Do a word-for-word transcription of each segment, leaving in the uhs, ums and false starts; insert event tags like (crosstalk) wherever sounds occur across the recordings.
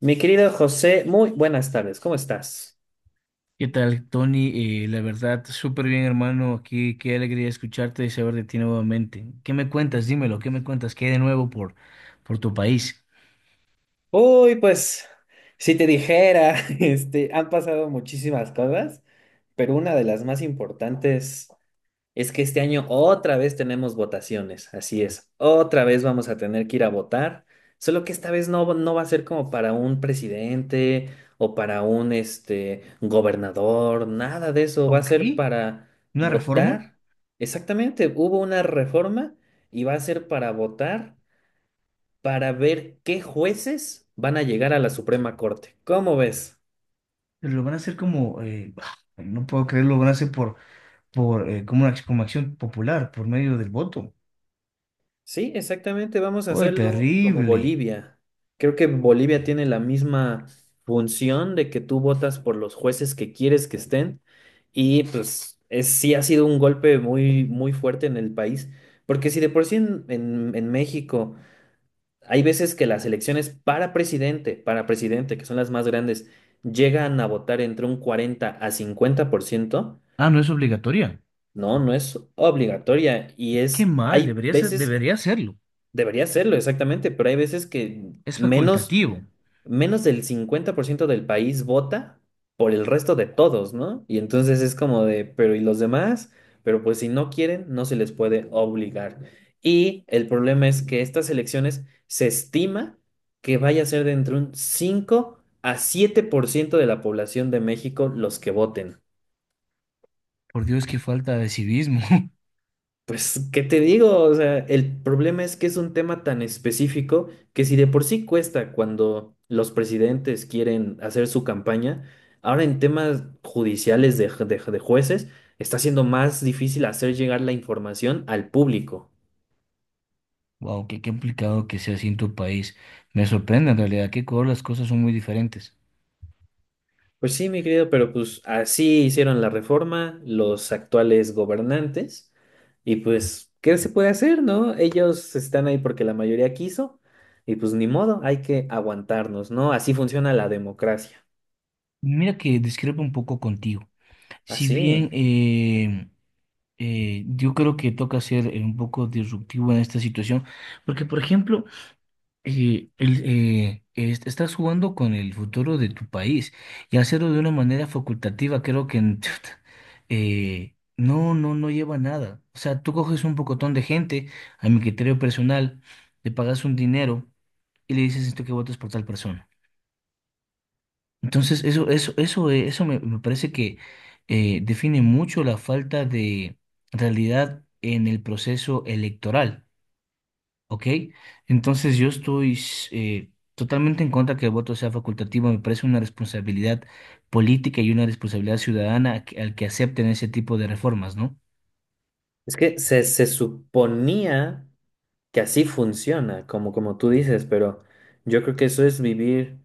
Mi querido José, muy buenas tardes, ¿cómo estás? ¿Qué tal, Tony? Eh, la verdad, súper bien, hermano. Aquí, qué alegría escucharte y saber de ti nuevamente. ¿Qué me cuentas? Dímelo, ¿qué me cuentas? ¿Qué hay de nuevo por, por tu país? Uy, pues, si te dijera, (laughs) este, han pasado muchísimas cosas, pero una de las más importantes es que este año otra vez tenemos votaciones, así es, otra vez vamos a tener que ir a votar, solo que esta vez no, no va a ser como para un presidente o para un, este, gobernador, nada de eso, va a Ok, ser para una reforma, votar. Exactamente, hubo una reforma y va a ser para votar para ver qué jueces van a llegar a la Suprema Corte. ¿Cómo ves? pero lo van a hacer como, eh, (sighs) no puedo creerlo, lo van a hacer por, por eh, como, una, ac- como acción popular, por medio del voto. Sí, exactamente, vamos a ¡Ay, hacerlo como terrible! Bolivia. Creo que Bolivia tiene la misma función de que tú votas por los jueces que quieres que estén y pues es, sí ha sido un golpe muy, muy fuerte en el país, porque si de por sí en, en en México hay veces que las elecciones para presidente, para presidente, que son las más grandes, llegan a votar entre un cuarenta a cincuenta por ciento. Ah, no es obligatoria. No, no es obligatoria y Qué es, mal, hay debería ser, veces, debería serlo. debería serlo exactamente, pero hay veces que Es menos, facultativo. menos del cincuenta por ciento del país vota por el resto de todos, ¿no? Y entonces es como de, pero ¿y los demás? Pero pues si no quieren, no se les puede obligar. Y el problema es que estas elecciones se estima que vaya a ser de entre un cinco a siete por ciento de la población de México los que voten. Por Dios, qué falta de civismo. (laughs) Pues, ¿qué te digo? O sea, el problema es que es un tema tan específico que si de por sí cuesta cuando los presidentes quieren hacer su campaña, ahora en temas judiciales de, ju- de ju- de jueces está siendo más difícil hacer llegar la información al público. Wow, qué complicado que sea así en tu país. Me sorprende en realidad que Ecuador las cosas son muy diferentes. Pues sí, mi querido, pero pues así hicieron la reforma los actuales gobernantes y pues, ¿qué se puede hacer, no? Ellos están ahí porque la mayoría quiso y pues ni modo, hay que aguantarnos, ¿no? Así funciona la democracia, Mira que discrepo un poco contigo. Si bien así. eh, eh, yo creo que toca ser eh, un poco disruptivo en esta situación, porque por ejemplo, eh, el, eh, est- estás jugando con el futuro de tu país y hacerlo de una manera facultativa, creo que n- (laughs) eh, no, no, no lleva nada. O sea, tú coges un pocotón de gente, a mi criterio personal, le pagas un dinero y le dices esto que votes por tal persona. Entonces, eso, eso, eso, eh, eso me, me parece que eh, define mucho la falta de realidad en el proceso electoral. ¿Ok? Entonces yo estoy eh, totalmente en contra que el voto sea facultativo. Me parece una responsabilidad política y una responsabilidad ciudadana a que- al que acepten ese tipo de reformas, ¿no? Es que se, se suponía que así funciona, como, como tú dices, pero yo creo que eso es vivir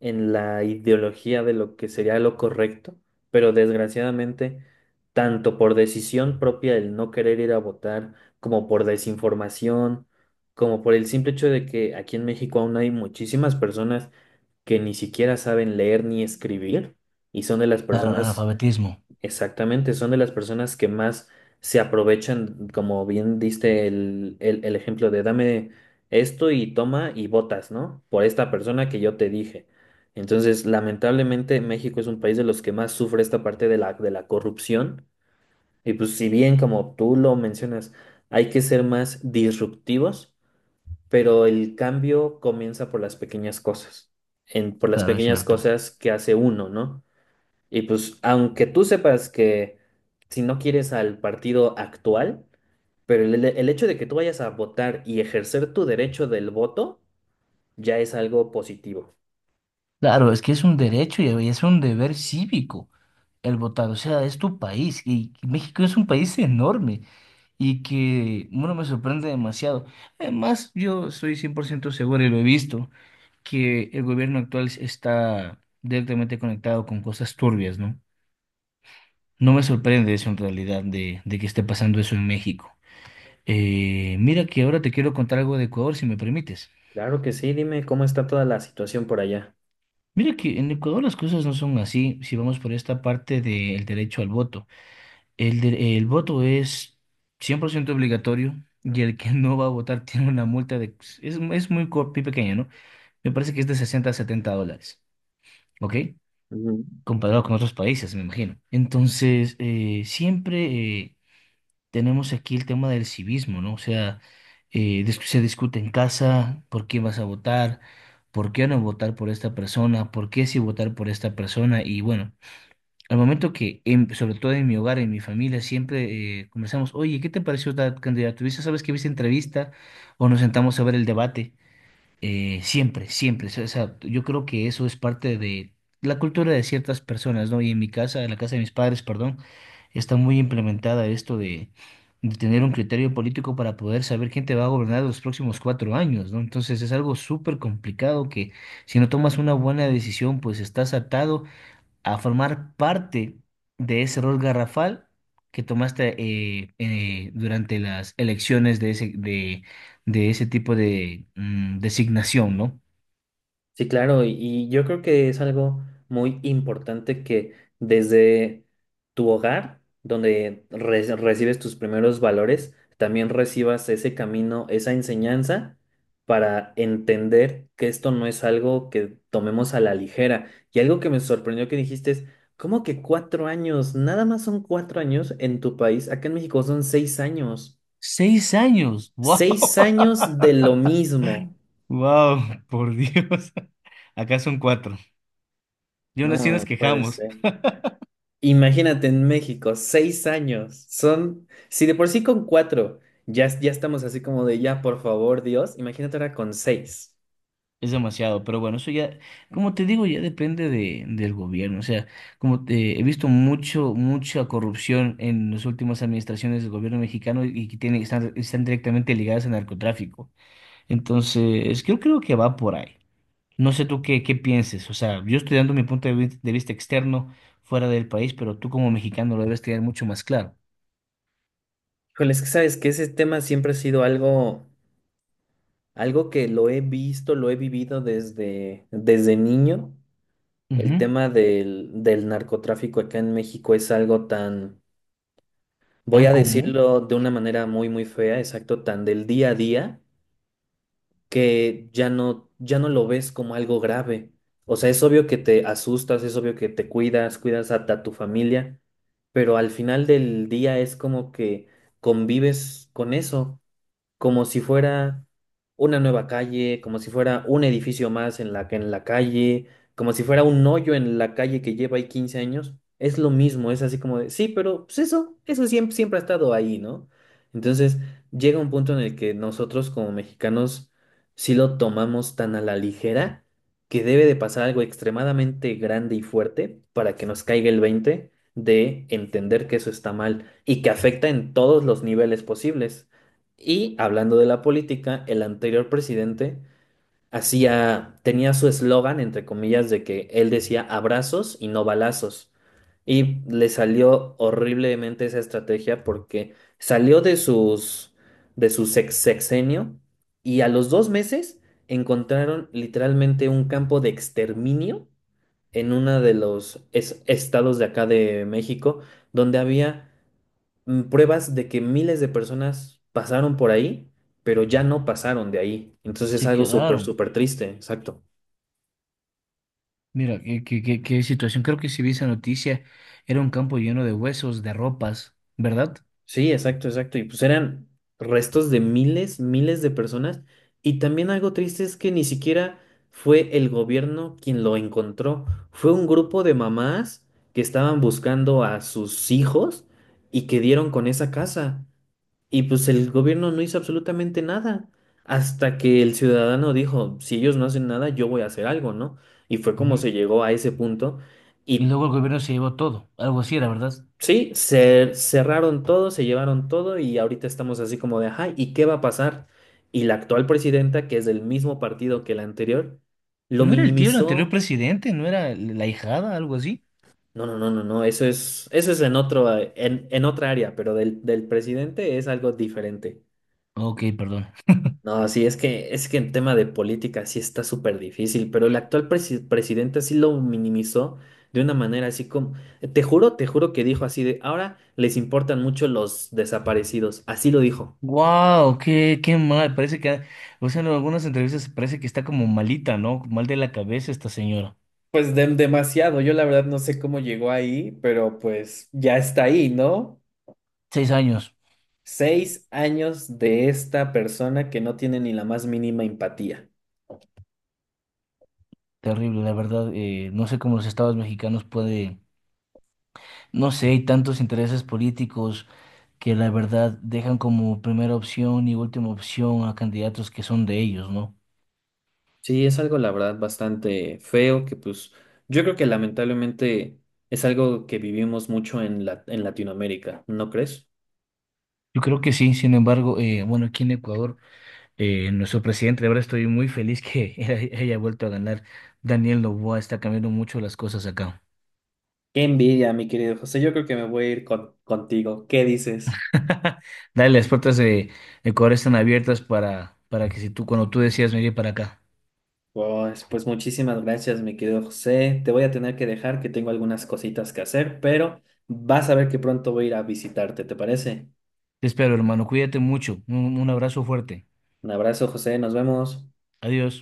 en la ideología de lo que sería lo correcto, pero desgraciadamente, tanto por decisión propia el no querer ir a votar, como por desinformación, como por el simple hecho de que aquí en México aún hay muchísimas personas que ni siquiera saben leer ni escribir, y son de las Claro, personas. analfabetismo. Exactamente, son de las personas que más se aprovechan, como bien diste el, el, el ejemplo de dame esto y toma y votas, ¿no? Por esta persona que yo te dije. Entonces, lamentablemente, México es un país de los que más sufre esta parte de la, de la corrupción. Y pues si bien, como tú lo mencionas, hay que ser más disruptivos, pero el cambio comienza por las pequeñas cosas, en, por las Claro, es pequeñas cierto. cosas que hace uno, ¿no? Y pues, aunque tú sepas que si no quieres al partido actual, pero el, el hecho de que tú vayas a votar y ejercer tu derecho del voto ya es algo positivo. Claro, es que es un derecho y es un deber cívico el votar, o sea, es tu país y México es un país enorme y que, bueno, me sorprende demasiado. Además, yo estoy cien por ciento seguro y lo he visto, que el gobierno actual está directamente conectado con cosas turbias, ¿no? No me sorprende eso en realidad de, de que esté pasando eso en México. Eh, mira que ahora te quiero contar algo de Ecuador, si me permites. Claro que sí, dime cómo está toda la situación por allá. Mira que en Ecuador las cosas no son así si vamos por esta parte del derecho al voto. El, de- el voto es cien por ciento obligatorio y el que no va a votar (laughs) tiene una multa de Es, es muy co- muy pequeña, ¿no? Me parece que es de sesenta a setenta dólares, ¿ok? Ujú. Comparado con otros países, me imagino. Entonces, eh, siempre eh, tenemos aquí el tema del civismo, ¿no? O sea, eh, dis- se discute en casa por quién vas a votar, por qué no votar por esta persona, por qué sí votar por esta persona. Y bueno, al momento que, en- sobre todo en mi hogar, en mi familia, siempre eh, conversamos, oye, ¿qué te pareció tal candidato? ¿Viste, sabes que viste entrevista? O nos sentamos a ver el debate eh, siempre, siempre. O sea, yo creo que eso es parte de la cultura de ciertas personas, ¿no? Y en mi casa, en la casa de mis padres, perdón, está muy implementada esto de, de tener un criterio político para poder saber quién te va a gobernar los próximos cuatro años, ¿no? Entonces es algo súper complicado que si no tomas una buena decisión, pues estás atado a formar parte de ese error garrafal que tomaste eh, eh, durante las elecciones de ese, de, de ese tipo de mm, designación, ¿no? Sí, claro, y, y yo creo que es algo muy importante que desde tu hogar, donde re- recibes tus primeros valores, también recibas ese camino, esa enseñanza para entender que esto no es algo que tomemos a la ligera. Y algo que me sorprendió que dijiste es, ¿cómo que cuatro años? Nada más son cuatro años en tu país. Acá en México son seis años. Seis años, wow, Seis años de lo (laughs) mismo. wow, por Dios, (laughs) acá son cuatro. Yo aún así nos No puede quejamos. ser. Imagínate en México, seis años. Son, si de por sí con cuatro ya, es- ya estamos así como de ya, por favor, Dios, imagínate ahora con seis. Es demasiado, pero bueno, eso ya, como te digo, ya depende de, del gobierno. O sea, como te, he visto mucho, mucha corrupción en las últimas administraciones del gobierno mexicano y que tienen, están, están directamente ligadas al narcotráfico. Entonces, yo creo que va por ahí. No sé tú qué, qué pienses. O sea, yo estoy dando mi punto de vi- de vista externo fuera del país, pero tú como mexicano lo debes tener mucho más claro. Híjole, es que sabes que ese tema siempre ha sido algo, algo que lo he visto, lo he vivido desde, desde niño. El Ujú. tema del, del narcotráfico acá en México es algo tan, voy Tan a común, decirlo de una manera muy, muy fea, exacto, tan del día a día que ya no, ya no lo ves como algo grave. O sea, es obvio que te asustas, es obvio que te cuidas, cuidas a, a tu familia, pero al final del día es como que convives con eso como si fuera una nueva calle, como si fuera un edificio más en la, en la calle, como si fuera un hoyo en la calle que lleva ahí quince años. Es lo mismo, es así como de, sí, pero pues eso, eso siempre, siempre ha estado ahí, ¿no? Entonces llega un punto en el que nosotros como mexicanos sí lo tomamos tan a la ligera que debe de pasar algo extremadamente grande y fuerte para que nos caiga el veinte de entender que eso está mal y que afecta en todos los niveles posibles. Y hablando de la política, el anterior presidente hacía, tenía su eslogan, entre comillas, de que él decía abrazos y no balazos. Y le salió horriblemente esa estrategia porque salió de sus, de su sex- sexenio y a los dos meses encontraron literalmente un campo de exterminio en uno de los es- estados de acá de México, donde había mm, pruebas de que miles de personas pasaron por ahí, pero ya no pasaron de ahí. Entonces es se algo súper, quedaron. súper triste, exacto. Mira, qué, qué- qué- qué situación. Creo que si vi esa noticia, era un campo lleno de huesos, de ropas, ¿verdad? Sí, exacto, exacto. Y pues eran restos de miles, miles de personas. Y también algo triste es que ni siquiera fue el gobierno quien lo encontró. Fue un grupo de mamás que estaban buscando a sus hijos y que dieron con esa casa. Y pues el gobierno no hizo absolutamente nada hasta que el ciudadano dijo, si ellos no hacen nada, yo voy a hacer algo, ¿no? Y fue como Ujú. se llegó a ese punto. Y Y luego el gobierno se llevó todo, algo así era, ¿verdad? sí, se cerraron todo, se llevaron todo y ahorita estamos así como de, ajá, ¿y qué va a pasar? Y la actual presidenta, que es del mismo partido que la anterior, lo ¿No era el tío del anterior minimizó. presidente? ¿No era la hijada, algo así? No, no, no, no, no, eso es, eso es en otro, eh, en, en otra área, pero del, del presidente es algo diferente. Ok, perdón. No, sí, es que, es que en tema de política sí está súper difícil, pero el actual presi- presidente sí lo minimizó de una manera así como, te juro, te juro que dijo así de, ahora les importan mucho los desaparecidos, así lo dijo. Wow, qué, qué mal. Parece que, o sea, en algunas entrevistas parece que está como malita, ¿no? Mal de la cabeza esta señora. Pues dem- demasiado, yo la verdad no sé cómo llegó ahí, pero pues ya está ahí, ¿no? Seis años. Seis años de esta persona que no tiene ni la más mínima empatía. Terrible, la verdad. Eh, no sé cómo los estados mexicanos pueden, no sé, hay tantos intereses políticos que la verdad dejan como primera opción y última opción a candidatos que son de ellos, ¿no? Sí, es algo, la verdad, bastante feo, que pues yo creo que lamentablemente es algo que vivimos mucho en la, en Latinoamérica, ¿no crees? Yo creo que sí, sin embargo, eh, bueno, aquí en Ecuador, eh, nuestro presidente, ahora estoy muy feliz que (laughs) haya haya vuelto a ganar. Daniel Noboa está cambiando mucho las cosas acá. Qué envidia, mi querido José. Yo creo que me voy a ir con- contigo. ¿Qué dices? (laughs) Dale, las puertas de Ecuador están abiertas para, para que si tú, cuando tú decidas venir para acá. Pues, pues muchísimas gracias, mi querido José. Te voy a tener que dejar, que tengo algunas cositas que hacer, pero vas a ver que pronto voy a ir a visitarte, ¿te parece? Te espero, hermano, cuídate mucho. un un abrazo fuerte. Un abrazo, José. Nos vemos. Adiós.